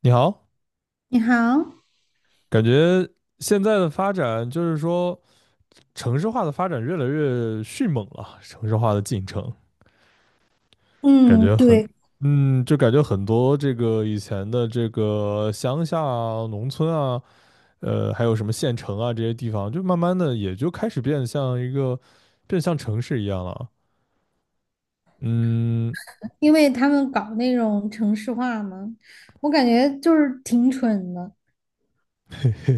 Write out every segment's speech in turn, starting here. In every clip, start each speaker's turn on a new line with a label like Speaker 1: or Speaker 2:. Speaker 1: 你好，
Speaker 2: 你好，
Speaker 1: 感觉现在的发展就是说，城市化的发展越来越迅猛了，城市化的进程，感
Speaker 2: 嗯，
Speaker 1: 觉很，
Speaker 2: 对，
Speaker 1: 就感觉很多这个以前的这个乡下啊、农村啊，还有什么县城啊这些地方，就慢慢的也就开始变像一个，变像城市一样了。嗯。
Speaker 2: 因为他们搞那种城市化嘛，我感觉就是挺蠢的。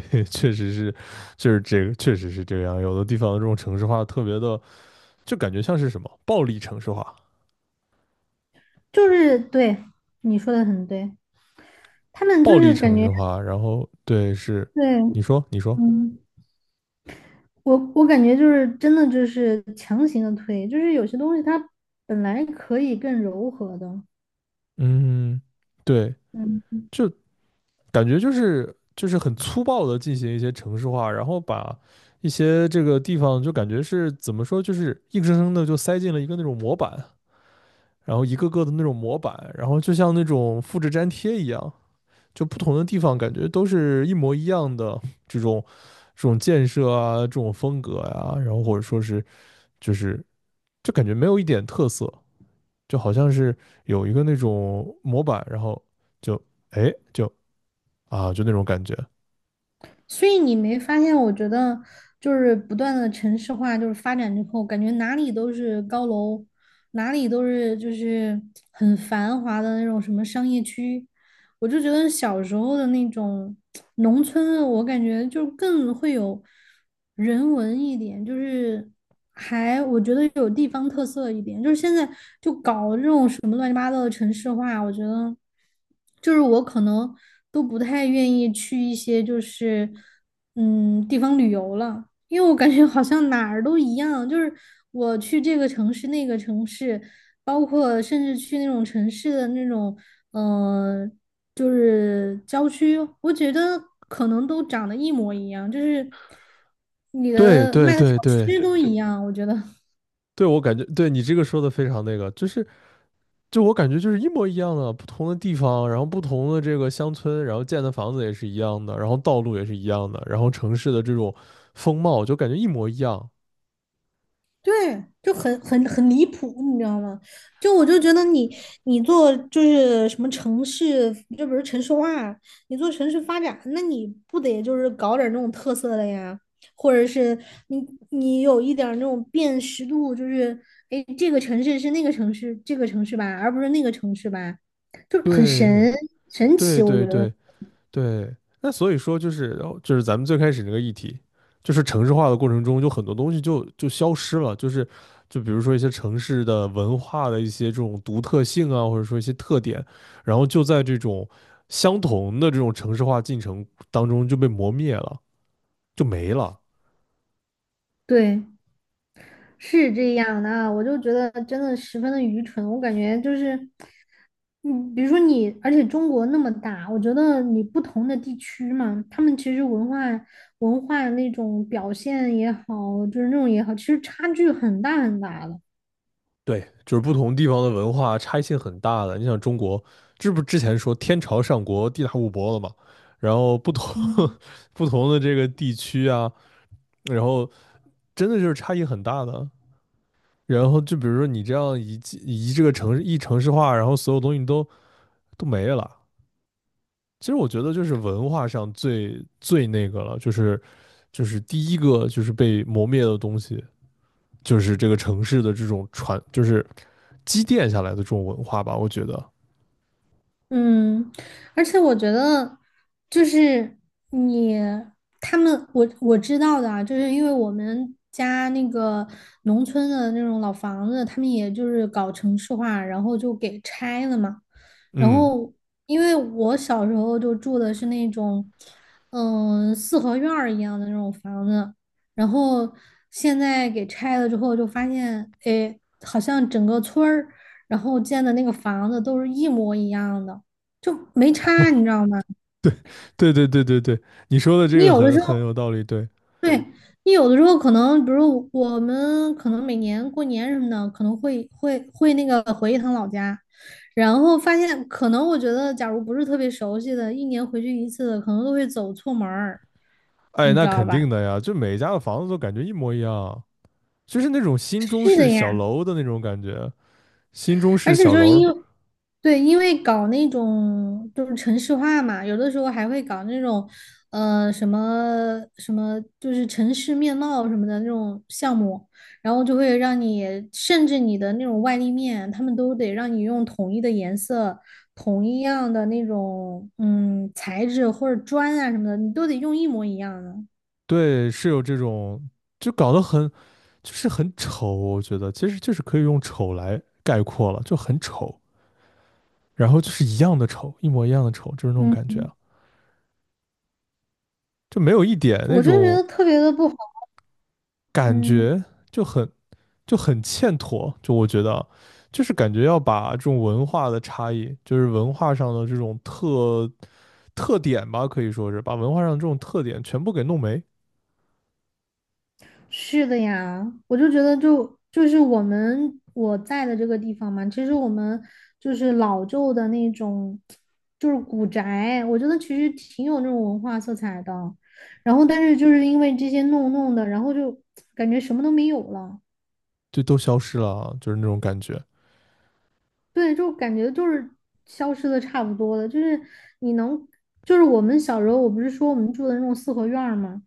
Speaker 1: 也确实是，就是这个，确实是这样。有的地方这种城市化特别的，就感觉像是什么暴力城市化。
Speaker 2: 就是对，你说的很对，他们就
Speaker 1: 暴力
Speaker 2: 是感
Speaker 1: 城
Speaker 2: 觉
Speaker 1: 市化，然后对是，
Speaker 2: 对。
Speaker 1: 你说，
Speaker 2: 嗯，我感觉就是真的就是强行的推，就是有些东西它本来可以更柔和的。
Speaker 1: 嗯，对，
Speaker 2: 嗯
Speaker 1: 就感觉就是很粗暴的进行一些城市化，然后把一些这个地方就感觉是怎么说，就是硬生生的就塞进了一个那种模板，然后一个个的那种模板，然后就像那种复制粘贴一样，就不同的地方感觉都是一模一样的这种这种建设啊，这种风格呀、然后或者说是就是就感觉没有一点特色。就好像是有一个那种模板，然后就哎就啊就那种感觉。
Speaker 2: 所以你没发现？我觉得就是不断的城市化，就是发展之后，感觉哪里都是高楼，哪里都是就是很繁华的那种什么商业区。我就觉得小时候的那种农村，我感觉就更会有人文一点，就是还我觉得有地方特色一点。就是现在就搞这种什么乱七八糟的城市化，我觉得就是我可能都不太愿意去一些就是地方旅游了，因为我感觉好像哪儿都一样，就是我去这个城市那个城市。包括甚至去那种城市的那种嗯、呃就是郊区，我觉得可能都长得一模一样，就是你
Speaker 1: 对
Speaker 2: 的
Speaker 1: 对
Speaker 2: 卖的小
Speaker 1: 对对
Speaker 2: 区都一样，我觉得
Speaker 1: 对，我感觉对你这个说的非常那个，就是就我感觉就是一模一样的，不同的地方，然后不同的这个乡村，然后建的房子也是一样的，然后道路也是一样的，然后城市的这种风貌就感觉一模一样。
Speaker 2: 对，就很离谱，你知道吗？就我就觉得你做就是什么城市，就比如城市化啊，你做城市发展，那你不得就是搞点儿那种特色的呀？或者是你有一点儿那种辨识度，就是哎，诶这个城市是那个城市，这个城市吧，而不是那个城市吧。就很
Speaker 1: 对
Speaker 2: 神奇，
Speaker 1: 对
Speaker 2: 我觉
Speaker 1: 对
Speaker 2: 得
Speaker 1: 对，对，那所以说就是咱们最开始那个议题，就是城市化的过程中，就很多东西就消失了，就是就比如说一些城市的文化的一些这种独特性啊，或者说一些特点，然后就在这种相同的这种城市化进程当中就被磨灭了，就没了。
Speaker 2: 对，是这样的啊，我就觉得真的十分的愚蠢。我感觉就是，嗯，比如说你，而且中国那么大，我觉得你不同的地区嘛，他们其实文化那种表现也好，就是那种也好，其实差距很大很大的。
Speaker 1: 对，就是不同地方的文化差异性很大的。你想中国，这不之前说天朝上国，地大物博了嘛，然后不同
Speaker 2: 嗯。
Speaker 1: 不同的这个地区啊。然后真的就是差异很大的。然后就比如说你这样一这个城市化，然后所有东西都没了。其实我觉得就是文化上最那个了，就是就是第一个就是被磨灭的东西，就是这个城市的这种传，就是积淀下来的这种文化吧，我觉得。
Speaker 2: 嗯，而且我觉得，就是你他们，我知道的啊，就是因为我们家那个农村的那种老房子，他们也就是搞城市化，然后就给拆了嘛。然
Speaker 1: 嗯，
Speaker 2: 后，因为我小时候就住的是那种，四合院儿一样的那种房子，然后现在给拆了之后，就发现，哎，好像整个村儿。然后建的那个房子都是一模一样的，就没差，你知道吗？
Speaker 1: 对对对对对，你说的这
Speaker 2: 你
Speaker 1: 个
Speaker 2: 有的
Speaker 1: 很
Speaker 2: 时候，
Speaker 1: 很有道理。对，
Speaker 2: 对，你有的时候可能，比如我们可能每年过年什么的，可能会那个回一趟老家，然后发现可能我觉得，假如不是特别熟悉的，一年回去一次，可能都会走错门儿，
Speaker 1: 哎，
Speaker 2: 你知
Speaker 1: 那
Speaker 2: 道
Speaker 1: 肯
Speaker 2: 吧？
Speaker 1: 定的呀，就每一家的房子都感觉一模一样，就是那种新中
Speaker 2: 是的
Speaker 1: 式小
Speaker 2: 呀，
Speaker 1: 楼的那种感觉，新中
Speaker 2: 而
Speaker 1: 式
Speaker 2: 且
Speaker 1: 小
Speaker 2: 就是
Speaker 1: 楼。
Speaker 2: 因为，对，因为搞那种就是城市化嘛，有的时候还会搞那种，什么什么，就是城市面貌什么的那种项目，然后就会让你，甚至你的那种外立面，他们都得让你用统一的颜色、同一样的那种，材质或者砖啊什么的，你都得用一模一样的。
Speaker 1: 对，是有这种，就搞得很，就是很丑，我觉得其实就是可以用丑来概括了，就很丑，然后就是一样的丑，一模一样的丑，就是那种感
Speaker 2: 嗯，
Speaker 1: 觉啊，就没有一点那
Speaker 2: 我就觉
Speaker 1: 种
Speaker 2: 得特别的不好。
Speaker 1: 感
Speaker 2: 嗯。
Speaker 1: 觉，就很就很欠妥，就我觉得啊，就是感觉要把这种文化的差异，就是文化上的这种特点吧，可以说是把文化上的这种特点全部给弄没，
Speaker 2: 是的呀，我就觉得就是我在的这个地方嘛，其实我们就是老旧的那种，就是古宅，我觉得其实挺有那种文化色彩的。然后，但是就是因为这些弄弄的，然后就感觉什么都没有了。
Speaker 1: 就都消失了啊，就是那种感觉。
Speaker 2: 对，就感觉就是消失的差不多了。就是你能，就是我们小时候，我不是说我们住的那种四合院儿嘛。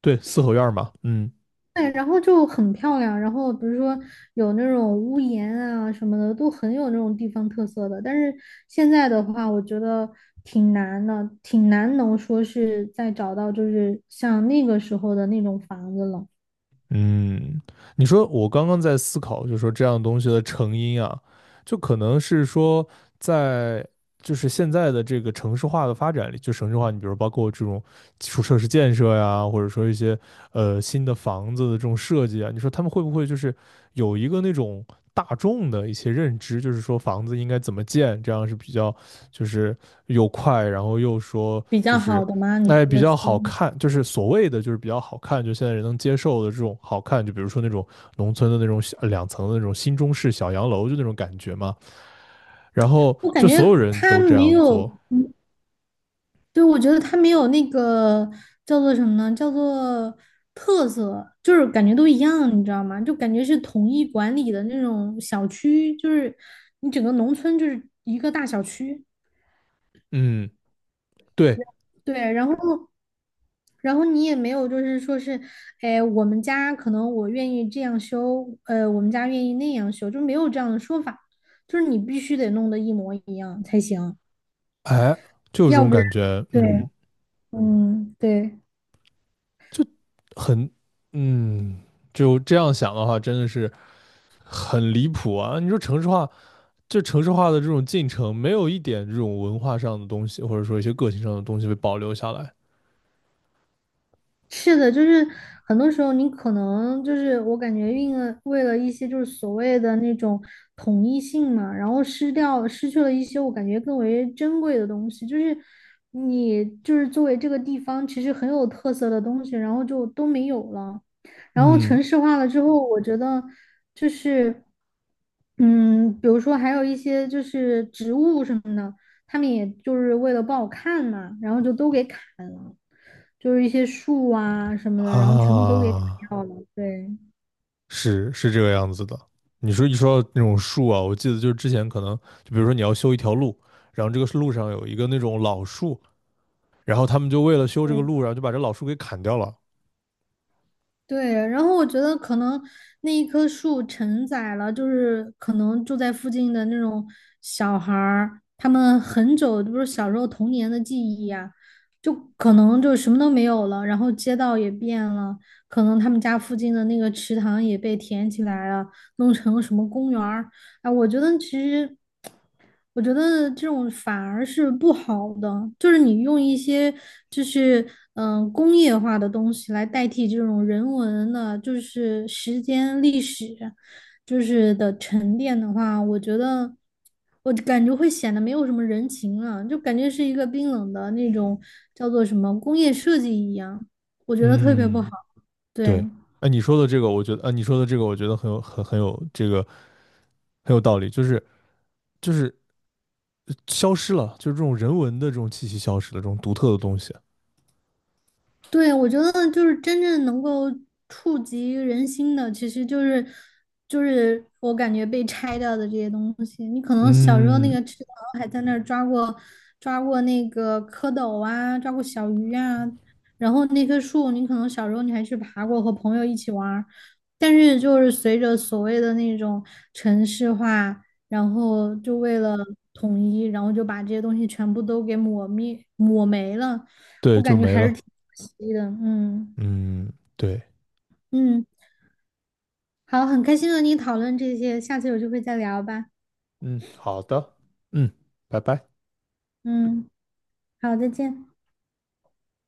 Speaker 1: 对，四合院儿嘛，嗯。
Speaker 2: 对，然后就很漂亮，然后比如说有那种屋檐啊什么的，都很有那种地方特色的。但是现在的话，我觉得挺难的，挺难能说是再找到就是像那个时候的那种房子了，
Speaker 1: 嗯，你说我刚刚在思考，就是说这样东西的成因啊，就可能是说在就是现在的这个城市化的发展里，就城市化，你比如包括这种基础设施建设呀，或者说一些新的房子的这种设计啊，你说他们会不会就是有一个那种大众的一些认知，就是说房子应该怎么建，这样是比较就是又快，然后又说
Speaker 2: 比
Speaker 1: 就
Speaker 2: 较
Speaker 1: 是
Speaker 2: 好的吗？你说
Speaker 1: 哎，比
Speaker 2: 的是？
Speaker 1: 较好看，就是所谓的就是比较好看，就现在人能接受的这种好看，就比如说那种农村的那种小两层的那种新中式小洋楼，就那种感觉嘛。然后
Speaker 2: 我感
Speaker 1: 就
Speaker 2: 觉
Speaker 1: 所有人
Speaker 2: 它
Speaker 1: 都这
Speaker 2: 没
Speaker 1: 样做，
Speaker 2: 有，嗯对，我觉得它没有那个叫做什么呢？叫做特色，就是感觉都一样，你知道吗？就感觉是统一管理的那种小区，就是你整个农村就是一个大小区。
Speaker 1: 嗯，对，
Speaker 2: 对，然后你也没有就是说是，哎，我们家可能我愿意这样修，我们家愿意那样修，就没有这样的说法，就是你必须得弄得一模一样才行，
Speaker 1: 哎，就有这
Speaker 2: 要
Speaker 1: 种
Speaker 2: 不然
Speaker 1: 感觉，
Speaker 2: 对，
Speaker 1: 嗯，
Speaker 2: 嗯，对。
Speaker 1: 就很，嗯，就这样想的话，真的是很离谱啊！你说城市化，就城市化的这种进程，没有一点这种文化上的东西，或者说一些个性上的东西被保留下来，
Speaker 2: 是的，就是很多时候你可能就是我感觉运了为了一些就是所谓的那种统一性嘛，然后失去了一些我感觉更为珍贵的东西，就是你就是作为这个地方其实很有特色的东西，然后就都没有了。然后
Speaker 1: 嗯
Speaker 2: 城市化了之后，我觉得就是比如说还有一些就是植物什么的。他们也就是为了不好看嘛，然后就都给砍了，就是一些树啊什么的，然后全部都给砍
Speaker 1: 啊。
Speaker 2: 掉了。对
Speaker 1: 是是这个样子的。你说说到那种树啊，我记得就是之前可能就比如说你要修一条路，然后这个路上有一个那种老树，然后他们就为了修这个
Speaker 2: 对
Speaker 1: 路，然后就把这老树给砍掉了。
Speaker 2: 对，然后我觉得可能那一棵树承载了，就是可能住在附近的那种小孩儿，他们很久就是小时候童年的记忆呀、就可能就什么都没有了，然后街道也变了，可能他们家附近的那个池塘也被填起来了，弄成什么公园儿。啊，我觉得其实我觉得这种反而是不好的，就是你用一些就是工业化的东西来代替这种人文的，就是时间历史，就是的沉淀的话，我觉得我感觉会显得没有什么人情了，就感觉是一个冰冷的那种叫做什么工业设计一样，我觉得特别不
Speaker 1: 嗯，
Speaker 2: 好。对，
Speaker 1: 对，哎，你说的这个，我觉得，啊，你说的这个，我觉得很有这个很有道理，就是就是消失了，就是这种人文的这种气息消失了，这种独特的东西，
Speaker 2: 对，我觉得就是真正能够触及人心的，其实就是我感觉被拆掉的这些东西。你可能小时候那
Speaker 1: 嗯
Speaker 2: 个池塘还在那儿抓过那个蝌蚪啊，抓过小鱼啊，然后那棵树，你可能小时候你还去爬过，和朋友一起玩儿但是就是随着所谓的那种城市化，然后就为了统一，然后就把这些东西全部都给抹没了。
Speaker 1: 对，
Speaker 2: 我
Speaker 1: 就
Speaker 2: 感觉
Speaker 1: 没
Speaker 2: 还是
Speaker 1: 了。
Speaker 2: 挺。是的，嗯
Speaker 1: 嗯，对，
Speaker 2: 嗯，好，很开心和你讨论这些，下次有机会再聊吧。
Speaker 1: 嗯，好的，嗯，拜拜。
Speaker 2: 嗯，好，再见。